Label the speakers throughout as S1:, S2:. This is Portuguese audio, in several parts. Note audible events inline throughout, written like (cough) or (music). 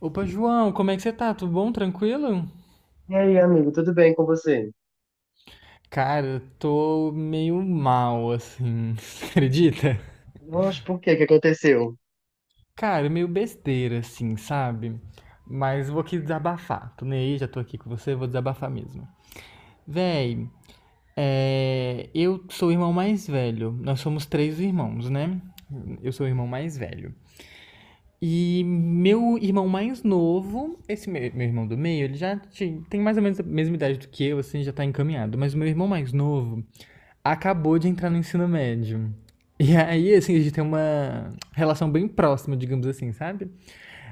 S1: Opa, João, como é que você tá? Tudo bom? Tranquilo?
S2: E aí, amigo, tudo bem com você?
S1: Cara, eu tô meio mal, assim, (laughs) você acredita?
S2: Nossa, por quê? O que aconteceu?
S1: Cara, meio besteira, assim, sabe? Mas vou aqui desabafar. Tô nem aí, já tô aqui com você, vou desabafar mesmo. Véi, eu sou o irmão mais velho. Nós somos três irmãos, né? Eu sou o irmão mais velho. E meu irmão mais novo, esse meu irmão do meio, ele tem mais ou menos a mesma idade do que eu, assim, já tá encaminhado. Mas o meu irmão mais novo, acabou de entrar no ensino médio. E aí, assim, a gente tem uma relação bem próxima, digamos assim, sabe?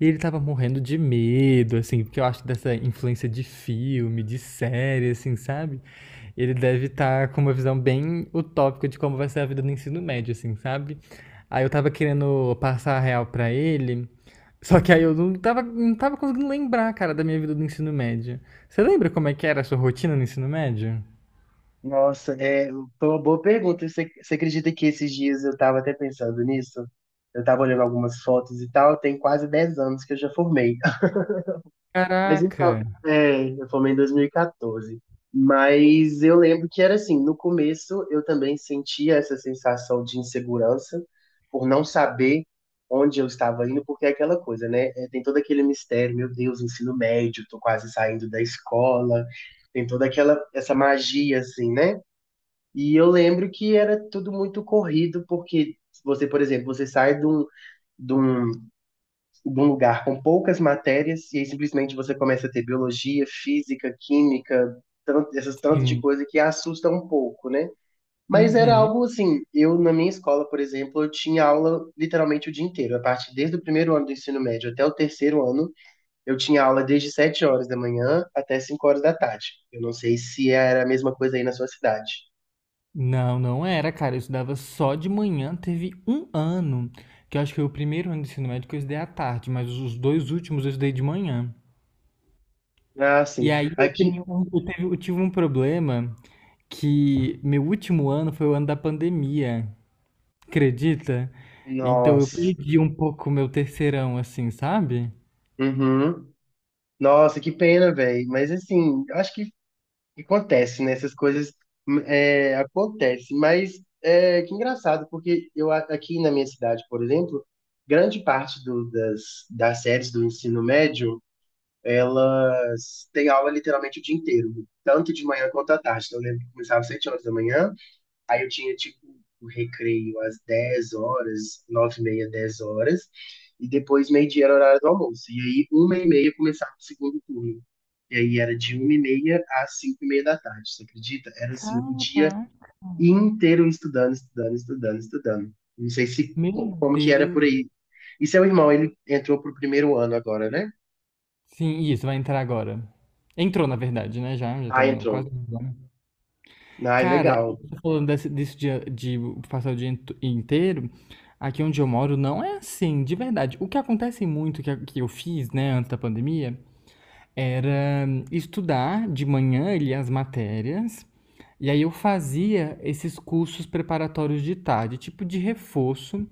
S1: E ele tava morrendo de medo, assim, porque eu acho que dessa influência de filme, de série, assim, sabe? Ele deve estar com uma visão bem utópica de como vai ser a vida no ensino médio, assim, sabe? Aí eu tava querendo passar a real pra ele, só que aí eu não tava conseguindo lembrar, cara, da minha vida do ensino médio. Você lembra como é que era a sua rotina no ensino médio?
S2: Nossa, é, foi uma boa pergunta. Você acredita que esses dias eu estava até pensando nisso? Eu estava olhando algumas fotos e tal, tem quase 10 anos que eu já formei. Mas então,
S1: Caraca!
S2: é, eu formei em 2014. Mas eu lembro que era assim, no começo eu também sentia essa sensação de insegurança por não saber onde eu estava indo, porque é aquela coisa, né? É, tem todo aquele mistério, meu Deus, ensino médio, tô quase saindo da escola, tem toda aquela essa magia assim, né? E eu lembro que era tudo muito corrido, porque você, por exemplo, você sai de um, de um de um lugar com poucas matérias e aí simplesmente você começa a ter biologia, física, química, tanto, essas tantas de
S1: Sim.
S2: coisa que assusta um pouco, né? Mas era
S1: Uhum.
S2: algo assim, eu na minha escola, por exemplo, eu tinha aula literalmente o dia inteiro. A partir desde o primeiro ano do ensino médio até o terceiro ano, eu tinha aula desde 7 horas da manhã até 5 horas da tarde. Eu não sei se era a mesma coisa aí na sua cidade.
S1: Não, não era, cara. Eu estudava só de manhã. Teve um ano, que eu acho que foi o primeiro ano do ensino médio que eu estudei à tarde, mas os dois últimos eu estudei de manhã.
S2: Ah, sim.
S1: E aí eu
S2: Aqui,
S1: tenho, um- eu teve- eu tive um problema que meu último ano foi o ano da pandemia, acredita? Então eu
S2: nossa.
S1: perdi um pouco o meu terceirão, assim, sabe?
S2: Uhum. Nossa, que pena, velho. Mas assim, acho que acontece, né? Essas coisas acontecem, mas é que engraçado, porque aqui na minha cidade, por exemplo, grande parte das séries do ensino médio, elas têm aula literalmente o dia inteiro, tanto de manhã quanto à tarde. Então, eu lembro que começava às 7 horas da manhã. Aí eu tinha, tipo, o recreio às 10 horas, 9h30, 10 horas, e depois meio-dia era o horário do almoço. E aí, 1h30 começava o segundo turno. E aí era de 1h30 às 5h30 da tarde, você acredita? Era assim, o dia
S1: Cara,
S2: inteiro estudando, estudando, estudando, estudando. Não sei se
S1: meu
S2: co- como que era por
S1: Deus.
S2: aí. E seu irmão, ele entrou pro primeiro ano agora, né?
S1: Sim, isso, vai entrar agora. Entrou, na verdade, né? Já, já
S2: Ah,
S1: estamos quase.
S2: entrou. Ah,
S1: Cara,
S2: legal.
S1: você falando disso de passar o dia int- inteiro, aqui onde eu moro não é assim, de verdade. O que acontece muito, que eu fiz, né, antes da pandemia, era estudar de manhã ali as matérias, e aí eu fazia esses cursos preparatórios de tarde, tipo de reforço,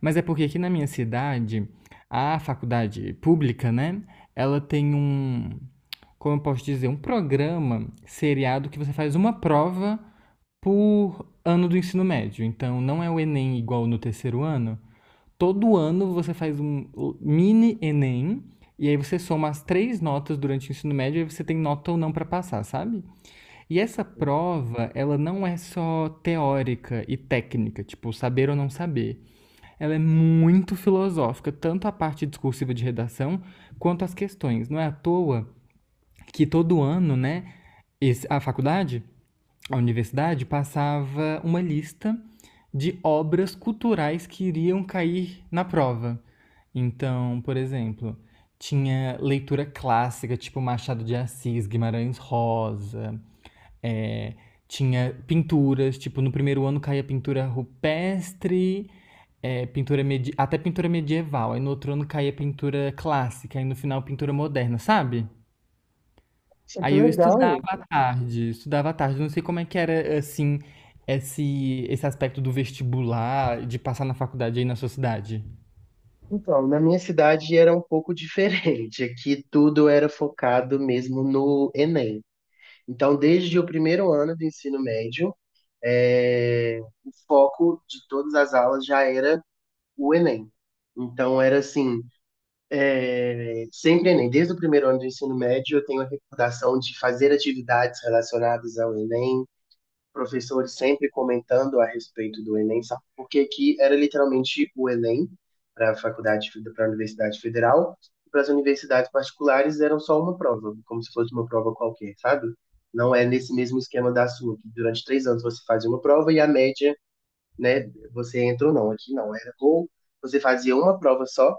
S1: mas é porque aqui na minha cidade, a faculdade pública, né, ela tem um, como eu posso dizer, um programa seriado que você faz uma prova por ano do ensino médio. Então, não é o Enem igual no terceiro ano. Todo ano você faz um mini Enem e aí você soma as três notas durante o ensino médio e aí você tem nota ou não para passar, sabe? E essa prova, ela não é só teórica e técnica, tipo saber ou não saber. Ela é muito filosófica, tanto a parte discursiva de redação quanto as questões. Não é à toa que todo ano, né, a faculdade a universidade passava uma lista de obras culturais que iriam cair na prova. Então, por exemplo, tinha leitura clássica, tipo Machado de Assis, Guimarães Rosa, é, tinha pinturas, tipo, no primeiro ano caía pintura rupestre, até pintura medieval, aí no outro ano caía pintura clássica, aí no final pintura moderna, sabe?
S2: É que
S1: Aí eu estudava
S2: legal.
S1: à tarde, estudava à tarde. Não sei como é que era, assim, esse aspecto do vestibular, de passar na faculdade aí na sua cidade.
S2: Então, na minha cidade era um pouco diferente. Aqui tudo era focado mesmo no Enem. Então, desde o primeiro ano do ensino médio, eh, o foco de todas as aulas já era o Enem. Então, era assim, sempre Enem. Desde o primeiro ano do ensino médio, eu tenho a recordação de fazer atividades relacionadas ao Enem. Professores sempre comentando a respeito do Enem, sabe? Porque aqui era literalmente o Enem para a faculdade, para a Universidade Federal, e para as universidades particulares eram só uma prova, como se fosse uma prova qualquer, sabe? Não é nesse mesmo esquema da sua, que durante 3 anos você fazia uma prova e a média, né, você entra ou não. Aqui não, era ou você fazia uma prova só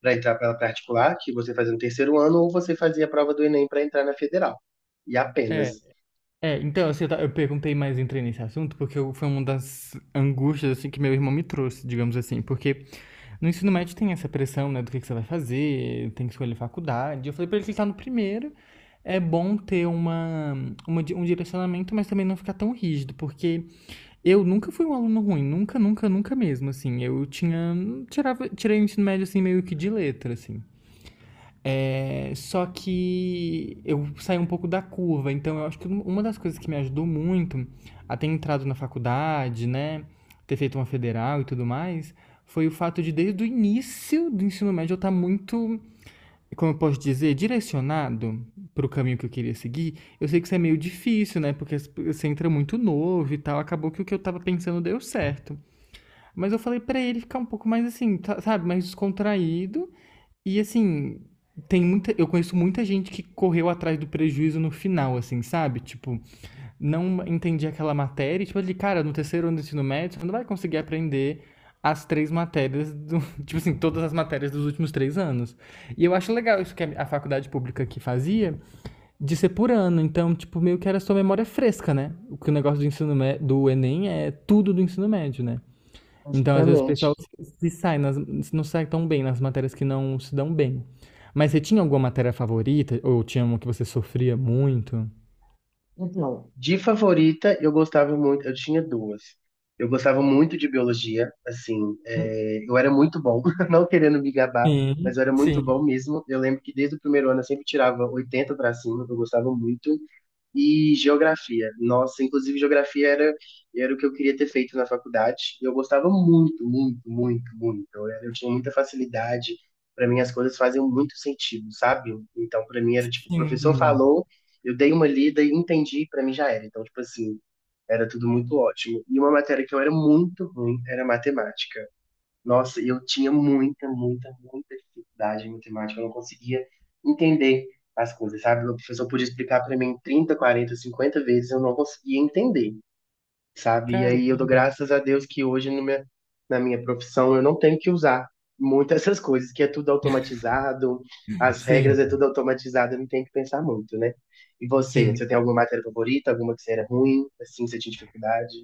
S2: para entrar pela particular, que você fazia no terceiro ano, ou você fazia a prova do Enem para entrar na federal. E apenas.
S1: É, é, então, assim, eu perguntei mais, entrei nesse assunto, porque foi uma das angústias, assim, que meu irmão me trouxe, digamos assim, porque no ensino médio tem essa pressão, né, do que você vai fazer, tem que escolher faculdade. Eu falei pra ele que ele tá no primeiro, é bom ter uma, um direcionamento, mas também não ficar tão rígido, porque eu nunca fui um aluno ruim, nunca, nunca, nunca mesmo, assim. Eu tinha. Tirava, tirei o ensino médio, assim, meio que de letra, assim. É, só que eu saí um pouco da curva, então eu acho que uma das coisas que me ajudou muito a ter entrado na faculdade, né? Ter feito uma federal e tudo mais, foi o fato de desde o início do ensino médio eu estar muito como eu posso dizer, direcionado para o caminho que eu queria seguir, eu sei que isso é meio difícil, né? Porque você entra muito novo e tal. Acabou que o que eu tava pensando deu certo. Mas eu falei pra ele ficar um pouco mais assim, tá- sabe? Mais descontraído. E assim, tem muita, eu conheço muita gente que correu atrás do prejuízo no final, assim, sabe? Tipo, não entendia aquela matéria. E, tipo, ele, cara, no terceiro ano do ensino médio, você não vai conseguir aprender as três matérias, (laughs) tipo assim, todas as matérias dos últimos três anos. E eu acho legal isso que a faculdade pública aqui fazia, de ser por ano. Então, tipo, meio que era sua memória fresca, né? O que o negócio do ensino mé- do Enem é tudo do ensino médio, né? Então, às vezes, o pessoal
S2: Exatamente.
S1: se sai nas, não sai tão bem nas matérias que não se dão bem. Mas você tinha alguma matéria favorita? Ou tinha uma que você sofria muito?
S2: Então, de favorita, eu gostava muito, eu tinha duas. Eu gostava muito de biologia, assim,
S1: Hum,
S2: é, eu era muito bom, (laughs) não querendo me gabar, mas eu
S1: Sim,
S2: era muito bom
S1: sim.
S2: mesmo. Eu lembro que desde o primeiro ano eu sempre tirava 80 para cima, eu gostava muito. E geografia. Nossa, inclusive geografia era o que eu queria ter feito na faculdade. E eu gostava muito, muito, muito, muito. Eu tinha muita facilidade. Para mim, as coisas faziam muito sentido, sabe? Então, para mim, era tipo, o professor
S1: Sim,
S2: falou, eu dei uma lida e entendi, para mim já era. Então, tipo assim, era tudo muito ótimo. E uma matéria que eu era muito ruim era matemática. Nossa, eu tinha muita, muita, muita dificuldade em matemática, eu não conseguia entender as coisas, sabe? O professor podia explicar para mim 30, 40, 50 vezes, eu não conseguia entender, sabe? E aí eu dou
S1: caramba.
S2: graças a Deus que hoje no minha, na minha profissão eu não tenho que usar muito essas coisas, que é tudo automatizado, as
S1: Sim,
S2: regras é tudo automatizado, eu não tenho que pensar muito, né? E você,
S1: sim.
S2: você tem alguma matéria favorita, alguma que você era ruim, assim, que você tinha dificuldade?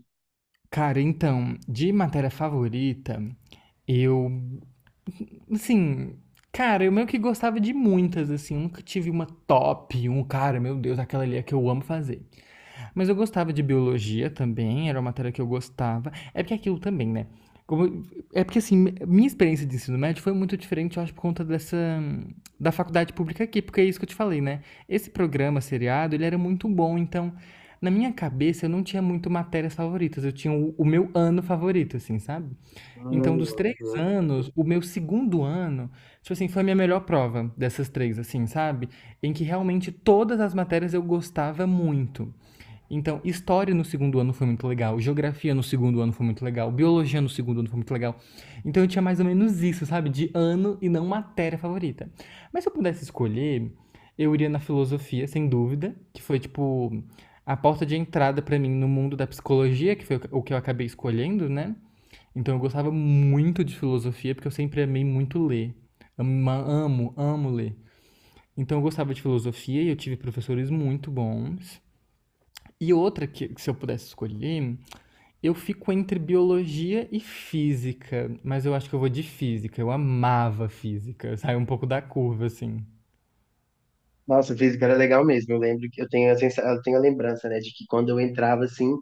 S1: Cara, então, de matéria favorita, eu, assim, cara, eu meio que gostava de muitas, assim, eu nunca tive uma top, um cara, meu Deus, aquela ali é que eu amo fazer. Mas eu gostava de biologia também, era uma matéria que eu gostava. É porque aquilo também, né? Como- é porque assim, minha experiência de ensino médio foi muito diferente, eu acho, por conta dessa da faculdade pública aqui, porque é isso que eu te falei, né? Esse programa seriado, ele era muito bom, então na minha cabeça eu não tinha muito matérias favoritas, eu tinha o meu ano favorito, assim, sabe? Então, dos três
S2: Hum.
S1: anos, o meu segundo ano, tipo assim, foi a minha melhor prova dessas três, assim, sabe? Em que realmente todas as matérias eu gostava muito. Então, história no segundo ano foi muito legal, geografia no segundo ano foi muito legal, biologia no segundo ano foi muito legal. Então eu tinha mais ou menos isso, sabe? De ano e não matéria favorita. Mas se eu pudesse escolher, eu iria na filosofia, sem dúvida, que foi tipo a porta de entrada pra mim no mundo da psicologia, que foi o que eu acabei escolhendo, né? Então eu gostava muito de filosofia, porque eu sempre amei muito ler. Amo, amo ler. Então eu gostava de filosofia e eu tive professores muito bons. E outra que se eu pudesse escolher, eu fico entre biologia e física, mas eu acho que eu vou de física. Eu amava física, saiu um pouco da curva, assim.
S2: Nossa, física era legal mesmo. Eu lembro que eu tenho a lembrança, né, de que quando eu entrava assim,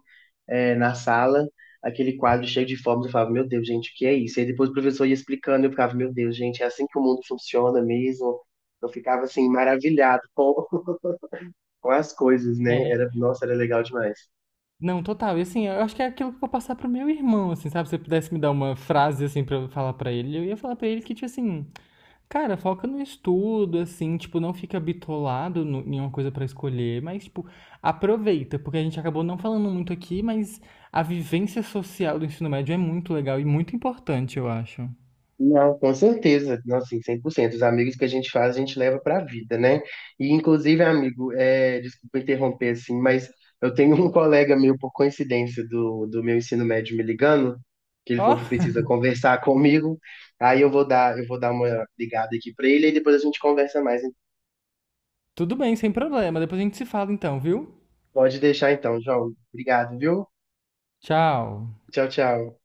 S2: na sala, aquele quadro cheio de formas, eu falava, meu Deus, gente, o que é isso? E depois o professor ia explicando, eu ficava, meu Deus, gente, é assim que o mundo funciona mesmo. Eu ficava assim maravilhado com, (laughs) com as coisas, né? Era,
S1: É.
S2: nossa, era legal demais.
S1: Não, total. E assim, eu acho que é aquilo que eu vou passar pro meu irmão, assim, sabe? Se eu pudesse me dar uma frase, assim, pra eu falar pra ele, eu ia falar pra ele que, tipo assim, cara, foca no estudo, assim, tipo, não fica bitolado no, em uma coisa pra escolher, mas, tipo, aproveita, porque a gente acabou não falando muito aqui, mas a vivência social do ensino médio é muito legal e muito importante, eu acho.
S2: Não, com certeza. Não, sim, 100%. Os amigos que a gente faz, a gente leva para a vida, né? E, inclusive, amigo, desculpa interromper, assim, mas eu tenho um (laughs) colega meu, por coincidência, do meu ensino médio me ligando, que ele
S1: Ó,
S2: falou que precisa conversar (laughs) comigo. Aí eu vou dar uma ligada aqui para ele e depois a gente conversa mais.
S1: tudo bem, sem problema. Depois a gente se fala então, viu?
S2: Pode deixar então, João. Obrigado, viu?
S1: Tchau.
S2: Tchau, tchau.